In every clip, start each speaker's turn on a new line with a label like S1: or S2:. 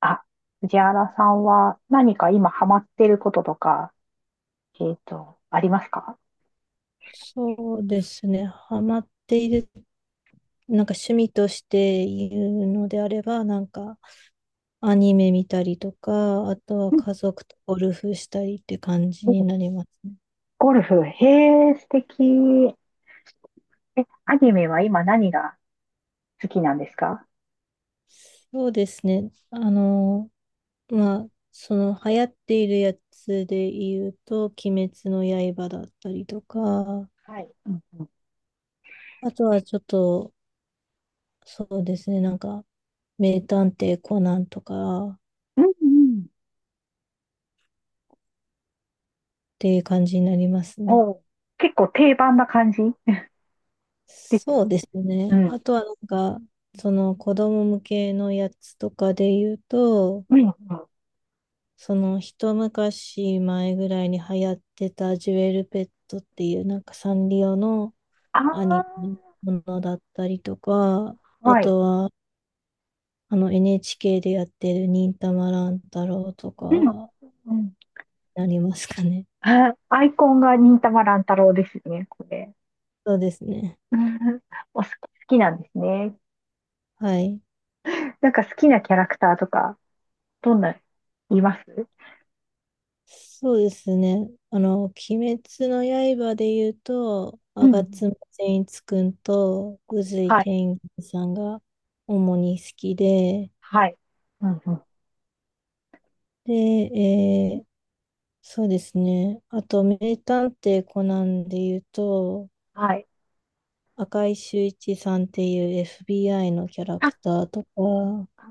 S1: あ、藤原さんは何か今ハマってることとか、ありますか？
S2: そうですね。ハマっている、趣味として言うのであれば、アニメ見たりとか、あとは
S1: うん。
S2: 家族とゴルフしたりって感じ
S1: お、
S2: になりますね。
S1: ゴルフ、へえ、素敵。え、アニメは今何が好きなんですか？
S2: そうですね。その流行っているやつで言うと、鬼滅の刃だったりとか、
S1: はい。うんうん。
S2: あとはちょっと、そうですね、名探偵コナンとかっ
S1: うんうん。
S2: ていう感じになりますね。
S1: お、結構定番な感じですよ
S2: そう
S1: ね。
S2: です
S1: う
S2: ね。
S1: ん。
S2: あとはその子供向けのやつとかで言うと、
S1: うんうん。
S2: その一昔前ぐらいに流行ってたジュエルペットっていうサンリオのアニ
S1: あ
S2: メのものだったりとか、
S1: あ、
S2: あ
S1: はい。
S2: とはあの NHK でやってる忍たま乱太郎と
S1: うん。
S2: か
S1: うん。
S2: なりますかね。
S1: あ、アイコンが忍たま乱太郎ですよね、これ。
S2: そうですね。
S1: うん。お、好きなんですね。
S2: はい。
S1: なんか好きなキャラクターとかどんな、います？
S2: そうですね。あの、鬼滅の刃で言うと、
S1: うんう
S2: 吾
S1: ん。
S2: 妻善逸くんと宇髄
S1: はい。
S2: 天元さんが主に好きで、
S1: はい。うんうん。
S2: で、そうですね。あと、名探偵コナンで言うと、
S1: はい。
S2: 赤井秀一さんっていう FBI のキャラ
S1: あ、
S2: クターとか、
S1: あ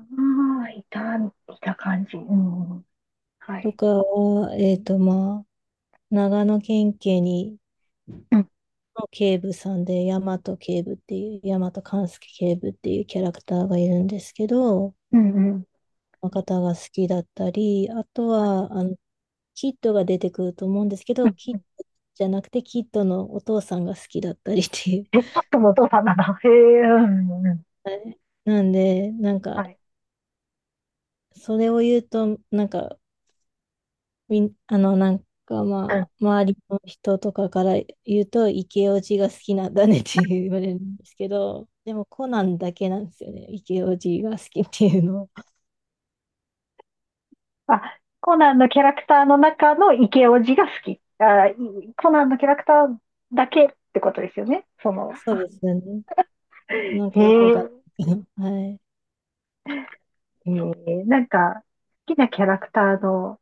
S1: あ、いた感じ。うんうん。は
S2: と
S1: い。
S2: かは、長野県警に
S1: うん。
S2: の警部さんで、大和警部っていう、大和勘介警部っていうキャラクターがいるんですけど、
S1: うんうん。
S2: の方が好きだったり、あと
S1: はい。
S2: は、あの、キッドが出てくると思うんですけ
S1: う
S2: ど、キッ
S1: ん。
S2: ドじゃなくて、キッドのお父さんが好きだったりっていう。
S1: え、ちょっとのお父さんなんだ。へえ、うんうんうん。
S2: はい。なんで、
S1: はい。
S2: それを言うと、なんか、みん、あの、なんか
S1: う
S2: ま
S1: ん。
S2: あ、周りの人とかから言うと、イケオジが好きなんだねって言われるんですけど、でもコナンだけなんですよね。イケオジが好きっていうの。
S1: あ、コナンのキャラクターの中のイケオジが好き。あ、コナンのキャラクターだけってことですよね。その、
S2: そうですよね。なん
S1: へ
S2: かよくわかんな
S1: え、
S2: いけど。はい。
S1: へえ、なんか、好きなキャラクターの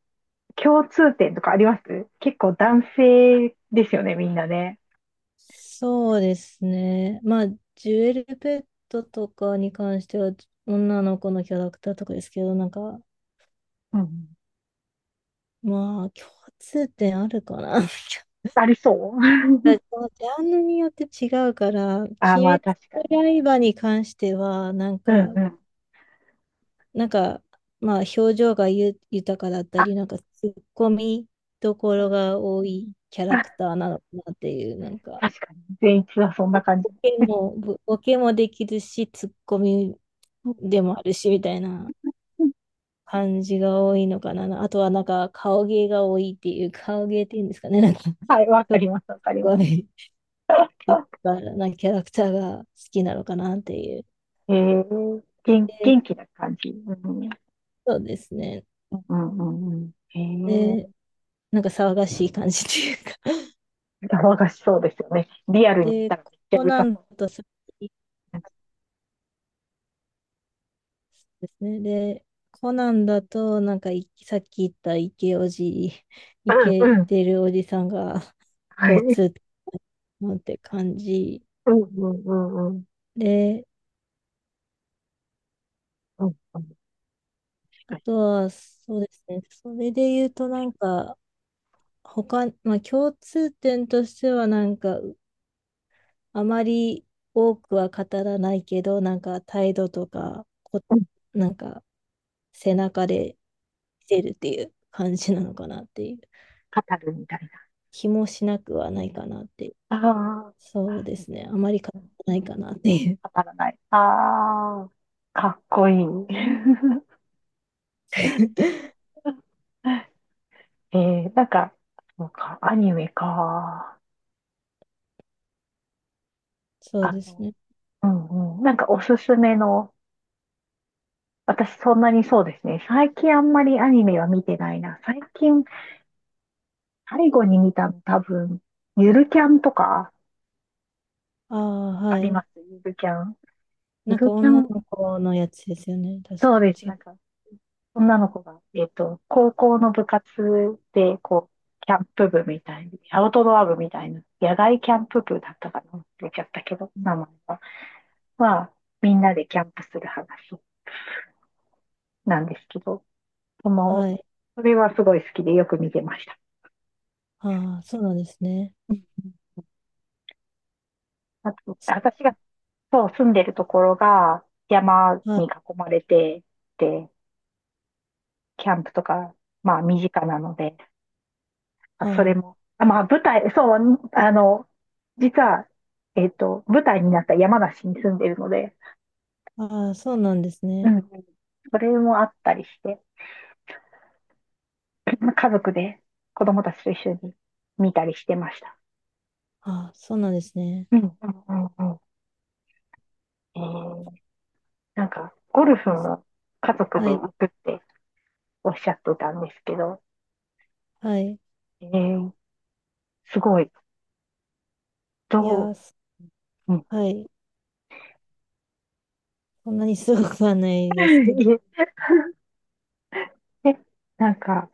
S1: 共通点とかあります？結構男性ですよね、みんなね。
S2: そうですね。まあ、ジュエルペットとかに関しては、女の子のキャラクターとかですけど、
S1: うん。
S2: まあ、共通点あるかな。
S1: ありそう。
S2: ら ジャンルによって違うから、鬼
S1: あ、まあ
S2: 滅
S1: 確かに。
S2: の刃に関しては、なん
S1: うん
S2: か、
S1: うん。
S2: なんか、まあ、表情がゆ豊かだった
S1: あ、
S2: り、ツッコミどこ
S1: う
S2: ろ
S1: ん。
S2: が多いキャラク
S1: あ、
S2: ターなのかなっていう、
S1: 確かに。全一はそんな感じ。
S2: ボケも、ぼボケもできるし、ツッコミ
S1: うん
S2: でもあるし、みたいな
S1: うん。
S2: 感じが多いのかな。あとは、顔芸が多いっていう、顔芸っていうんですかね、
S1: はい、わか
S2: す
S1: ります、わかりま
S2: ご
S1: す。
S2: い、いっぱいなキャラクターが好きなのかなっていう。
S1: えー、元、
S2: で、
S1: 元気な感じ。うんうん
S2: そうですね。
S1: うんうん。
S2: で、なんか騒がしい感じというか。
S1: 騒がしそうですよね。リ アルにい
S2: で、
S1: たらめっちゃ
S2: コ
S1: うる
S2: ナ
S1: さ
S2: ン
S1: そう。
S2: だとさっきですね。で、コナンだと、なんかいさっき言ったイケおじ、イ
S1: うん
S2: ケ
S1: うん。
S2: てるおじさんが
S1: は
S2: 共
S1: い。
S2: 通なんて感じ。
S1: うんうんうんうん。
S2: で、
S1: うんうん。確
S2: あ
S1: かに。
S2: とは、そうですね。それで言うと、他、まあ共通点としては、あまり多くは語らないけど、なんか態度とか、こ、
S1: うん。
S2: なんか背中で見せるっていう感じなのかなっていう。
S1: 語るみたい
S2: 気もしなくはないかなっていう。
S1: な。あ
S2: そうですね。あまり語ら
S1: あ。
S2: ないかなっていう。
S1: 当たらない。ああ、かっこいい。えなんか、そうか、アニメか。
S2: そう
S1: あ
S2: です
S1: の、
S2: ね。
S1: うんうん。なんかおすすめの、私そんなにそうですね。最近あんまりアニメは見てないな。最近、最後に見たの多分、ゆるキャンとか、
S2: ああ、
S1: わか
S2: は
S1: りま
S2: い。
S1: す？ゆるキャン。ゆ
S2: なんか
S1: るキャ
S2: 女
S1: ン、
S2: の子のやつですよね。確
S1: そう
S2: か。
S1: です。
S2: 違
S1: な
S2: う。
S1: んか女の子が、高校の部活で、こう、キャンプ部みたいに、アウトドア部みたいな、野外キャンプ部だったかな、忘れちゃったけど、名前は。まあみんなでキャンプする話なんですけど、その、
S2: はい。
S1: それはすごい好きでよく見てました。
S2: ああ、そうなんですね。
S1: うん。あと、私が、そう、住んでるところが山
S2: はい。
S1: に囲まれて、で、キャンプとか、まあ身近なので、あ、それ
S2: あ
S1: も。あ、まあ、舞台、そう、実は、舞台になった山梨に住んでるので、
S2: あ、ああ、そうなんです
S1: うん
S2: ね。
S1: うん。それもあったりして、家族で子供たちと一緒に見たりしてました。
S2: ああ、そうなんですね。
S1: うん、うん、うん、うん。えー、なんか、ゴルフも家族
S2: は
S1: で
S2: い。
S1: 行くっておっしゃってたんですけど、
S2: はい。
S1: えー、すごい、
S2: い
S1: ど
S2: や、す
S1: う、うん。
S2: はい。そんなにすごくはない ですけど。
S1: いえ、えなんか、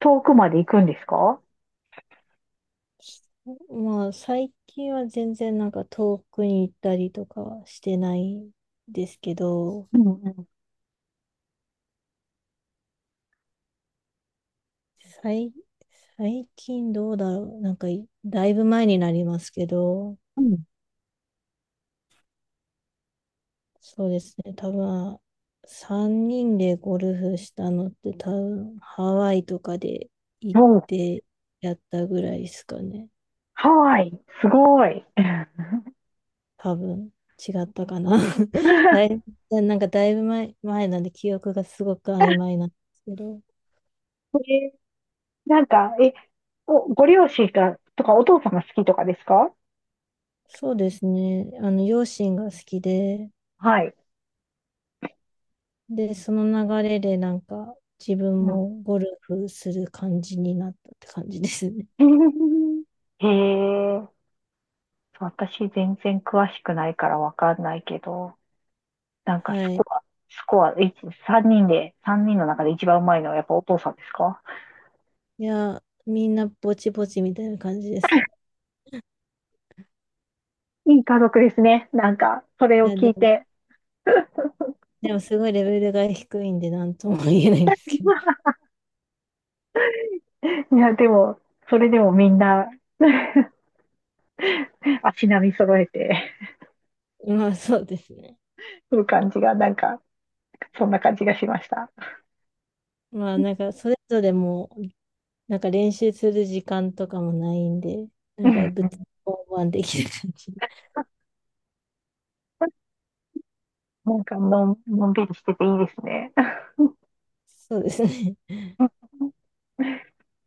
S1: 遠くまで行くんですか？
S2: まあ、最近は全然遠くに行ったりとかはしてないですけど、
S1: うん、うん、
S2: 最、最近どうだろう。なんかい、だいぶ前になりますけど、
S1: うん。
S2: そうですね。多分、3人でゴルフしたのって多分、ハワイとかで行ってやったぐらいですかね。
S1: ハワイ、すごい。
S2: 多分違ったかな。だ い、だいぶ前、なんで記憶がすごく曖昧なんですけど、
S1: え、なんか、お、ご両親が、とか、お父さんが好きとかですか？
S2: そうですね。あの、両親が好きで、
S1: はい。
S2: で、その流れで自分
S1: うん。
S2: もゴルフする感じになったって感じですね。
S1: へえ、私全然詳しくないからわかんないけど、なんか
S2: は
S1: スコ
S2: い。
S1: ア、スコア、三人で、三人の中で一番うまいのはやっぱお父さんですか？
S2: いや、みんなぼちぼちみたいな感じですね。
S1: いい家族ですね。なんか、それ
S2: い
S1: を
S2: や、
S1: 聞
S2: で
S1: い
S2: も、
S1: て。
S2: でもすごいレベルが低いんで、なんとも言えないんですけど。
S1: いや、でも、それでもみんな 足並み揃えて
S2: まあ、そうですね。
S1: る感じが、なんか、そんな感じがしました。
S2: まあ、それぞれも練習する時間とかもないんで、なんかぶつ 交できる感じ。
S1: なんかのんびりしてていいですね。
S2: そうですね。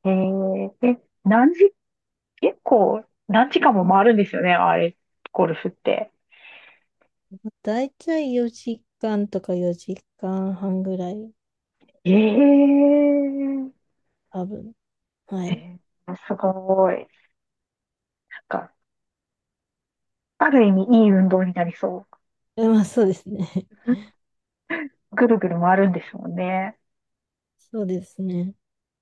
S1: えー、え、何時、結構、何時間も回るんですよね、あれ、ゴルフって。
S2: だいたい4時間とか4時間半ぐらい、
S1: えー、
S2: 多分。はい。
S1: えすごい。なんか、ある意味いい運動になりそう。
S2: えまあそうですね。
S1: ぐるぐる回るんですもんね。
S2: そうですね。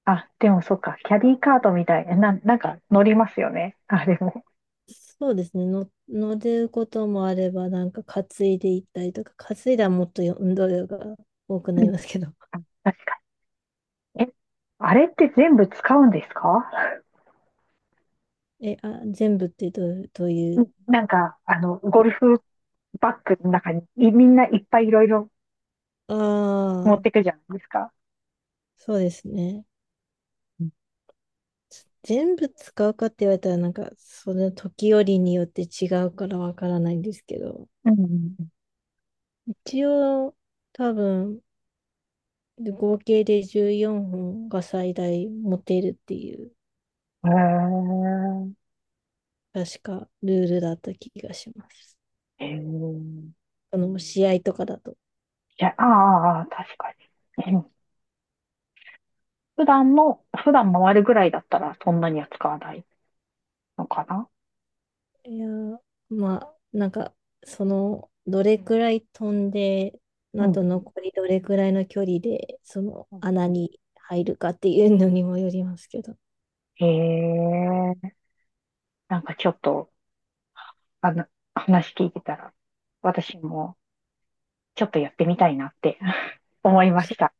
S1: あ、でもそっか、キャディーカートみたいな、なんか乗りますよね。あれも。
S2: そうですね。の、乗ることもあれば、担いでいったりとか、担いだらもっと運動量が多くな
S1: う
S2: り
S1: ん、
S2: ますけど。
S1: あ、確かに。え、あれって全部使うんですか？
S2: 全部ってどういう、
S1: なんか、ゴルフバッグの中にみんないっぱいいろいろ
S2: あ
S1: 持っ
S2: あ、
S1: てくじゃないですか。
S2: そうですね。
S1: うん
S2: 全部使うかって言われたら、その時折によって違うからわからないんですけど、
S1: うんうん。
S2: 一応、多分、合計で14本が最大持てるっていう、確かルールだった気がします。
S1: へえ。へえ。
S2: あの、試合とかだと。
S1: いや、ああ、ああ確かに。うん。普段の、普段回るぐらいだったらそんなには使わないのかな。
S2: いやー、まあ、その、どれくらい飛んで、
S1: う
S2: あ
S1: ん。
S2: と
S1: うん
S2: 残りどれくらいの距離で、その
S1: うん
S2: 穴
S1: うん。
S2: に入るかっていうのにもよりますけど。
S1: へえ。なんかちょっと、あの、話聞いてたら、私もちょっとやってみたいなって 思いました。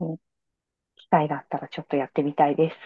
S1: うん。機会があったらちょっとやってみたいです。